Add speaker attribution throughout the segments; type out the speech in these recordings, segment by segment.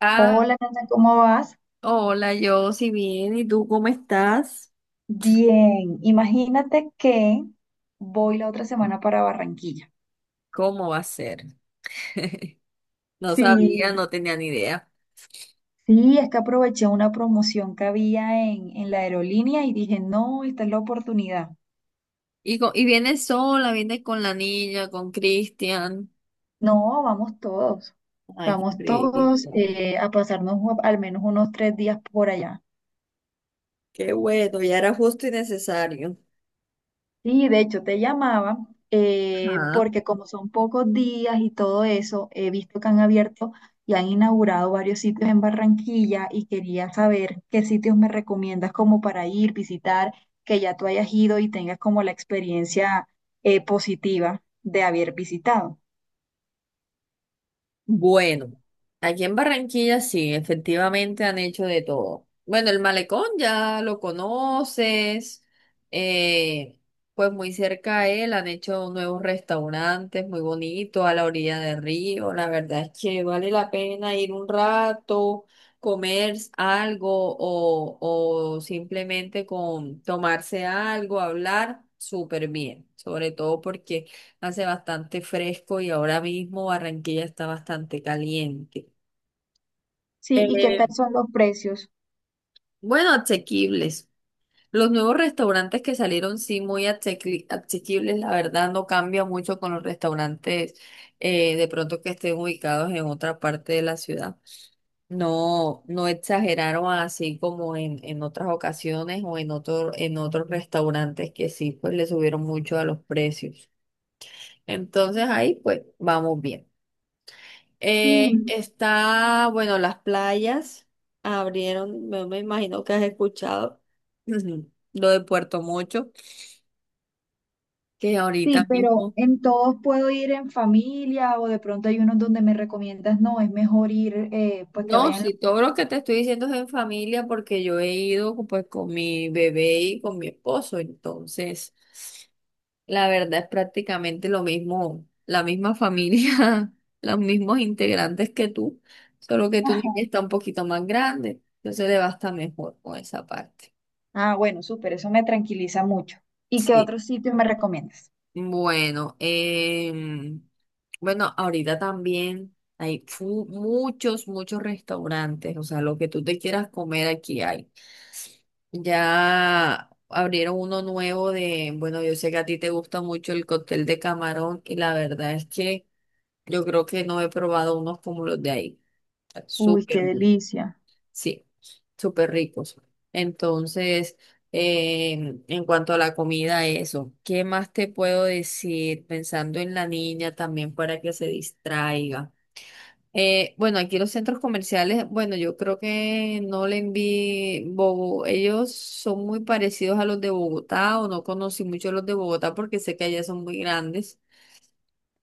Speaker 1: Ah,
Speaker 2: Hola, Nata, ¿cómo vas?
Speaker 1: hola, yo, sí bien, ¿y tú cómo estás?
Speaker 2: Bien, imagínate que voy la otra semana para Barranquilla.
Speaker 1: ¿Cómo va a ser? No sabía,
Speaker 2: Sí,
Speaker 1: no tenía ni idea.
Speaker 2: sí, es que aproveché una promoción que había en la aerolínea y dije, no, esta es la oportunidad.
Speaker 1: Y, y viene sola, viene con la niña, con Cristian.
Speaker 2: No,
Speaker 1: Ay, qué
Speaker 2: vamos todos
Speaker 1: rico.
Speaker 2: a pasarnos al menos unos 3 días por allá.
Speaker 1: Qué bueno, ya era justo y necesario.
Speaker 2: Sí, de hecho te llamaba
Speaker 1: Ajá.
Speaker 2: porque como son pocos días y todo eso, he visto que han abierto y han inaugurado varios sitios en Barranquilla y quería saber qué sitios me recomiendas como para ir, visitar, que ya tú hayas ido y tengas como la experiencia positiva de haber visitado.
Speaker 1: Bueno, aquí en Barranquilla sí, efectivamente han hecho de todo. Bueno, el malecón ya lo conoces, eh, pues muy cerca a él han hecho nuevos restaurantes muy bonitos a la orilla del río. La verdad es que vale la pena ir un rato, comer algo o simplemente con tomarse algo, hablar súper bien, sobre todo porque hace bastante fresco y ahora mismo Barranquilla está bastante caliente.
Speaker 2: Sí, ¿y qué tal
Speaker 1: Eh,
Speaker 2: son los precios?
Speaker 1: bueno, asequibles. Los nuevos restaurantes que salieron, sí, muy asequibles, la verdad no cambia mucho con los restaurantes de pronto que estén ubicados en otra parte de la ciudad. No, no exageraron así como en otras ocasiones o en otros restaurantes que sí, pues le subieron mucho a los precios. Entonces ahí pues vamos bien.
Speaker 2: Sí,
Speaker 1: Bueno, las playas abrieron, me imagino que has escuchado, ujú, lo de Puerto Mocho, que ahorita
Speaker 2: sí, pero
Speaker 1: mismo.
Speaker 2: en todos puedo ir en familia o de pronto hay unos donde me recomiendas, no, es mejor ir, pues que
Speaker 1: No,
Speaker 2: vayan.
Speaker 1: sí, todo lo que te estoy diciendo es en familia porque yo he ido pues con mi bebé y con mi esposo, entonces la verdad es prácticamente lo mismo, la misma familia, los mismos integrantes que tú, solo que tu niña está un poquito más grande, entonces le va a estar mejor con esa parte.
Speaker 2: Ah, bueno, súper, eso me tranquiliza mucho. ¿Y qué
Speaker 1: Sí.
Speaker 2: otro sitio me recomiendas?
Speaker 1: Bueno, bueno, ahorita también hay muchos restaurantes, o sea, lo que tú te quieras comer aquí hay. Ya abrieron uno nuevo bueno, yo sé que a ti te gusta mucho el cóctel de camarón y la verdad es que yo creo que no he probado unos como los de ahí. Está
Speaker 2: Uy,
Speaker 1: súper
Speaker 2: qué
Speaker 1: bueno.
Speaker 2: delicia.
Speaker 1: Sí, súper ricos. Entonces, en cuanto a la comida, eso. ¿Qué más te puedo decir? Pensando en la niña también para que se distraiga. Bueno, aquí los centros comerciales, bueno, yo creo que no le envié Bogo. Ellos son muy parecidos a los de Bogotá o no conocí mucho los de Bogotá porque sé que allá son muy grandes.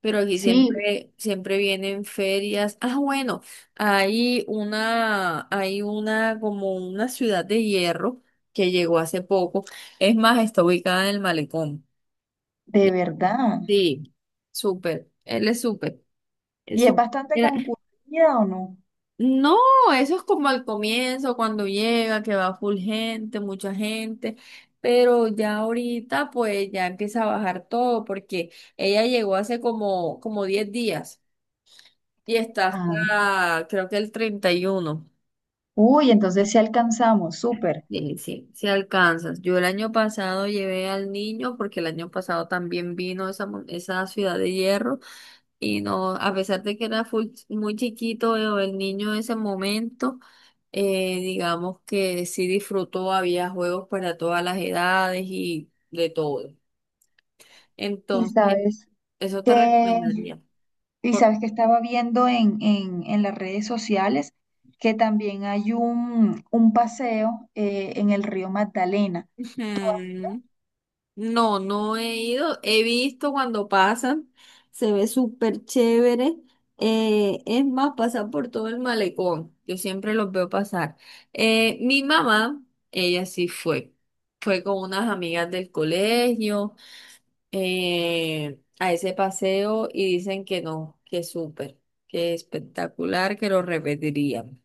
Speaker 1: Pero aquí
Speaker 2: Sí,
Speaker 1: siempre, siempre vienen ferias. Ah, bueno, hay una como una ciudad de hierro que llegó hace poco. Es más, está ubicada en el malecón.
Speaker 2: de
Speaker 1: Ya-
Speaker 2: verdad.
Speaker 1: Sí, súper. Él es súper.
Speaker 2: ¿Y
Speaker 1: Es
Speaker 2: es
Speaker 1: sú-
Speaker 2: bastante
Speaker 1: era-
Speaker 2: concurrida o no?
Speaker 1: No, eso es como al comienzo, cuando llega, que va full gente, mucha gente. Pero ya ahorita, pues ya empieza a bajar todo, porque ella llegó hace como 10 días. Y está
Speaker 2: Ah,
Speaker 1: hasta, creo que el 31.
Speaker 2: uy, entonces sí alcanzamos, súper.
Speaker 1: Sí, sí, sí alcanzas. Yo el año pasado llevé al niño porque el año pasado también vino esa ciudad de hierro y no, a pesar de que era muy chiquito el niño en ese momento, digamos que sí disfrutó, había juegos para todas las edades y de todo.
Speaker 2: ¿Y
Speaker 1: Entonces,
Speaker 2: sabes
Speaker 1: eso te
Speaker 2: que,
Speaker 1: recomendaría.
Speaker 2: ¿Y sabes que estaba viendo en las redes sociales que también hay un paseo en el río Magdalena?
Speaker 1: Ujú. No, no he ido. He visto cuando pasan. Se ve súper chévere. Es más, pasan por todo el malecón. Yo siempre los veo pasar. Mi mamá, ella sí fue. Fue con unas amigas del colegio a ese paseo y dicen que no, que súper, que espectacular, que lo repetirían.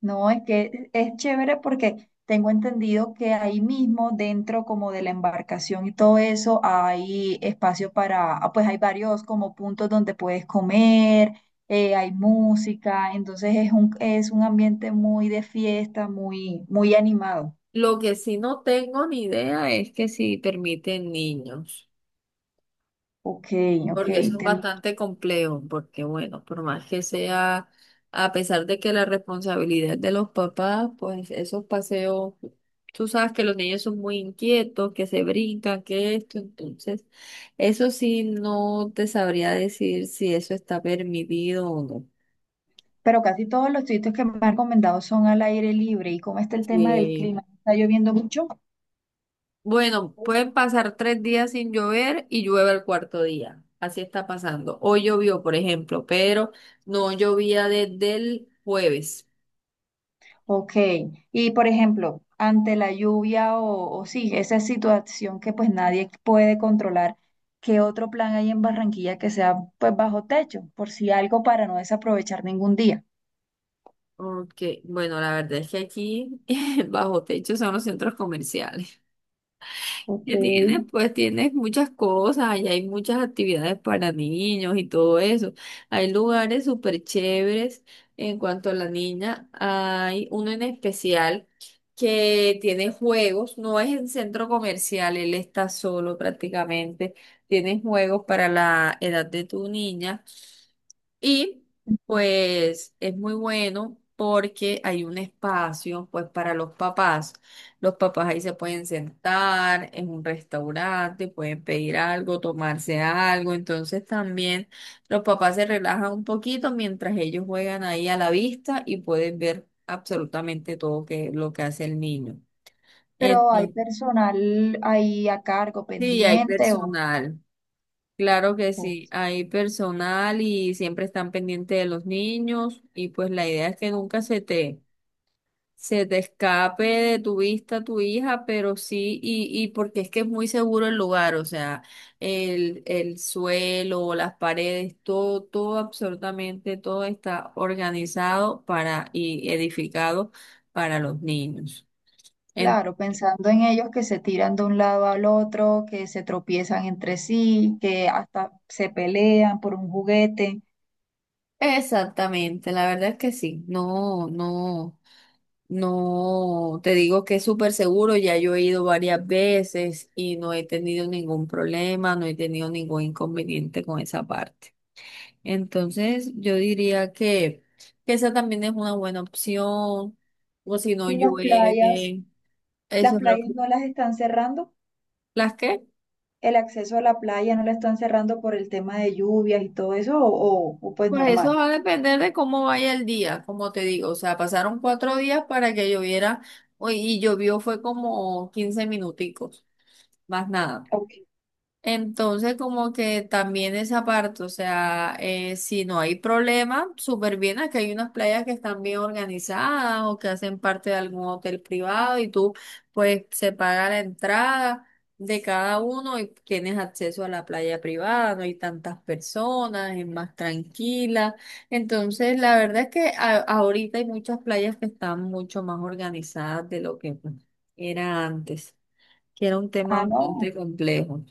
Speaker 2: No, es que es chévere porque tengo entendido que ahí mismo, dentro como de la embarcación y todo eso, hay espacio para, ah, pues hay varios como puntos donde puedes comer, hay música, entonces es es un ambiente muy de fiesta, muy animado.
Speaker 1: Lo que sí no tengo ni idea es que si permiten niños.
Speaker 2: Ok, ok.
Speaker 1: Porque eso es
Speaker 2: ten-
Speaker 1: bastante complejo, porque bueno, por más que sea, a pesar de que la responsabilidad es de los papás, pues esos paseos, tú sabes que los niños son muy inquietos, que se brincan, que esto, entonces, eso sí no te sabría decir si eso está permitido o no.
Speaker 2: Pero casi todos los sitios que me han recomendado son al aire libre. ¿Y cómo está el tema del
Speaker 1: Eh,
Speaker 2: clima? ¿Está lloviendo mucho?
Speaker 1: bueno, pueden pasar 3 días sin llover y llueve el cuarto día. Así está pasando. Hoy llovió, por ejemplo, pero no llovía desde el jueves.
Speaker 2: Ok, y por ejemplo, ante la lluvia o sí, esa situación que pues nadie puede controlar, ¿qué otro plan hay en Barranquilla que sea pues bajo techo, por si algo para no desaprovechar ningún día?
Speaker 1: Ok, bueno, la verdad es que aquí bajo techo son los centros comerciales.
Speaker 2: Ok,
Speaker 1: Ya tienes, pues tienes muchas cosas, y hay muchas actividades para niños y todo eso. Hay lugares súper chéveres. En cuanto a la niña, hay uno en especial que tiene juegos, no es en centro comercial, él está solo prácticamente. Tiene juegos para la edad de tu niña. Y pues es muy bueno porque hay un espacio pues para los papás. Los papás ahí se pueden sentar en un restaurante, pueden pedir algo, tomarse algo. Entonces también los papás se relajan un poquito mientras ellos juegan ahí a la vista y pueden ver absolutamente todo lo que hace el niño.
Speaker 2: pero hay
Speaker 1: Entonces,
Speaker 2: personal ahí a cargo
Speaker 1: sí, hay
Speaker 2: pendiente
Speaker 1: personal. Claro que
Speaker 2: o-
Speaker 1: sí, hay personal y siempre están pendientes de los niños y pues la idea es que nunca se te escape de tu vista tu hija, pero sí, y porque es que es muy seguro el lugar, o sea, el suelo, las paredes, todo, todo, absolutamente todo está organizado para y edificado para los niños. En-
Speaker 2: claro, pensando en ellos que se tiran de un lado al otro, que se tropiezan entre sí, que hasta se pelean por un juguete.
Speaker 1: exactamente, la verdad es que sí, no, no. No, te digo que es súper seguro, ya yo he ido varias veces y no he tenido ningún problema, no he tenido ningún inconveniente con esa parte. Entonces, yo diría que, esa también es una buena opción, o si no
Speaker 2: ¿Y las playas?
Speaker 1: llueve,
Speaker 2: ¿Las
Speaker 1: eso es lo
Speaker 2: playas
Speaker 1: que...
Speaker 2: no las están cerrando?
Speaker 1: ¿Las qué?
Speaker 2: El acceso a la playa no la están cerrando por el tema de lluvias y todo eso, o pues
Speaker 1: Pues eso
Speaker 2: normal.
Speaker 1: va a depender de cómo vaya el día, como te digo, o sea, pasaron 4 días para que lloviera, uy, y llovió fue como 15 minuticos, más nada.
Speaker 2: Ok.
Speaker 1: Entonces, como que también esa parte, o sea, si no hay problema, súper bien, aquí hay unas playas que están bien organizadas o que hacen parte de algún hotel privado y tú, pues, se paga la entrada de cada uno y tienes acceso a la playa privada, no hay tantas personas, es más tranquila. Entonces, la verdad es que ahorita hay muchas playas que están mucho más organizadas de lo que pues, era antes, que era un tema
Speaker 2: Ah, no.
Speaker 1: bastante complejo.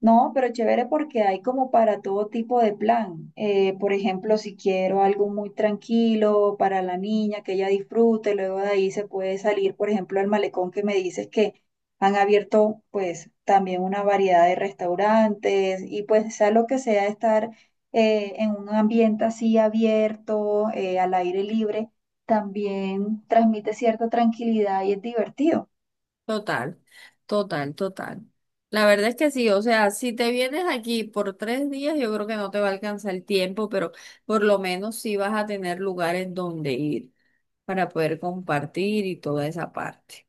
Speaker 2: No, pero chévere porque hay como para todo tipo de plan. Por ejemplo, si quiero algo muy tranquilo para la niña, que ella disfrute, luego de ahí se puede salir, por ejemplo, al malecón que me dices que han abierto pues también una variedad de restaurantes y pues sea lo que sea estar en un ambiente así abierto, al aire libre, también transmite cierta tranquilidad y es divertido.
Speaker 1: Total, total, total. La verdad es que sí, o sea, si te vienes aquí por 3 días, yo creo que no te va a alcanzar el tiempo, pero por lo menos sí vas a tener lugares donde ir para poder compartir y toda esa parte.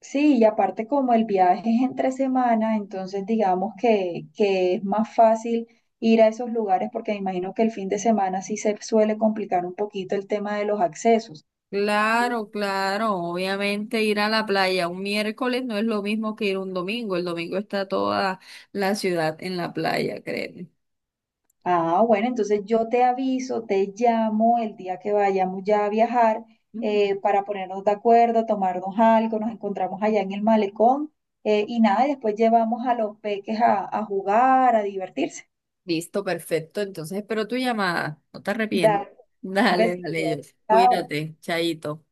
Speaker 2: Sí, y aparte como el viaje es entre semana, entonces digamos que es más fácil ir a esos lugares porque me imagino que el fin de semana sí se suele complicar un poquito el tema de los accesos.
Speaker 1: Claro, claro, obviamente ir a la playa un miércoles no es lo mismo que ir un domingo, el domingo está toda la ciudad en la playa, créeme.
Speaker 2: Ah, bueno, entonces yo te aviso, te llamo el día que vayamos ya a viajar para ponernos de acuerdo, tomarnos algo, nos encontramos allá en el malecón y nada, y después llevamos a los peques a jugar, a divertirse.
Speaker 1: Listo, perfecto. Entonces espero tu llamada. No te arrepientes.
Speaker 2: Dale, un
Speaker 1: Dale, dale,
Speaker 2: besito.
Speaker 1: Jess.
Speaker 2: Chao.
Speaker 1: Cuídate, chaito.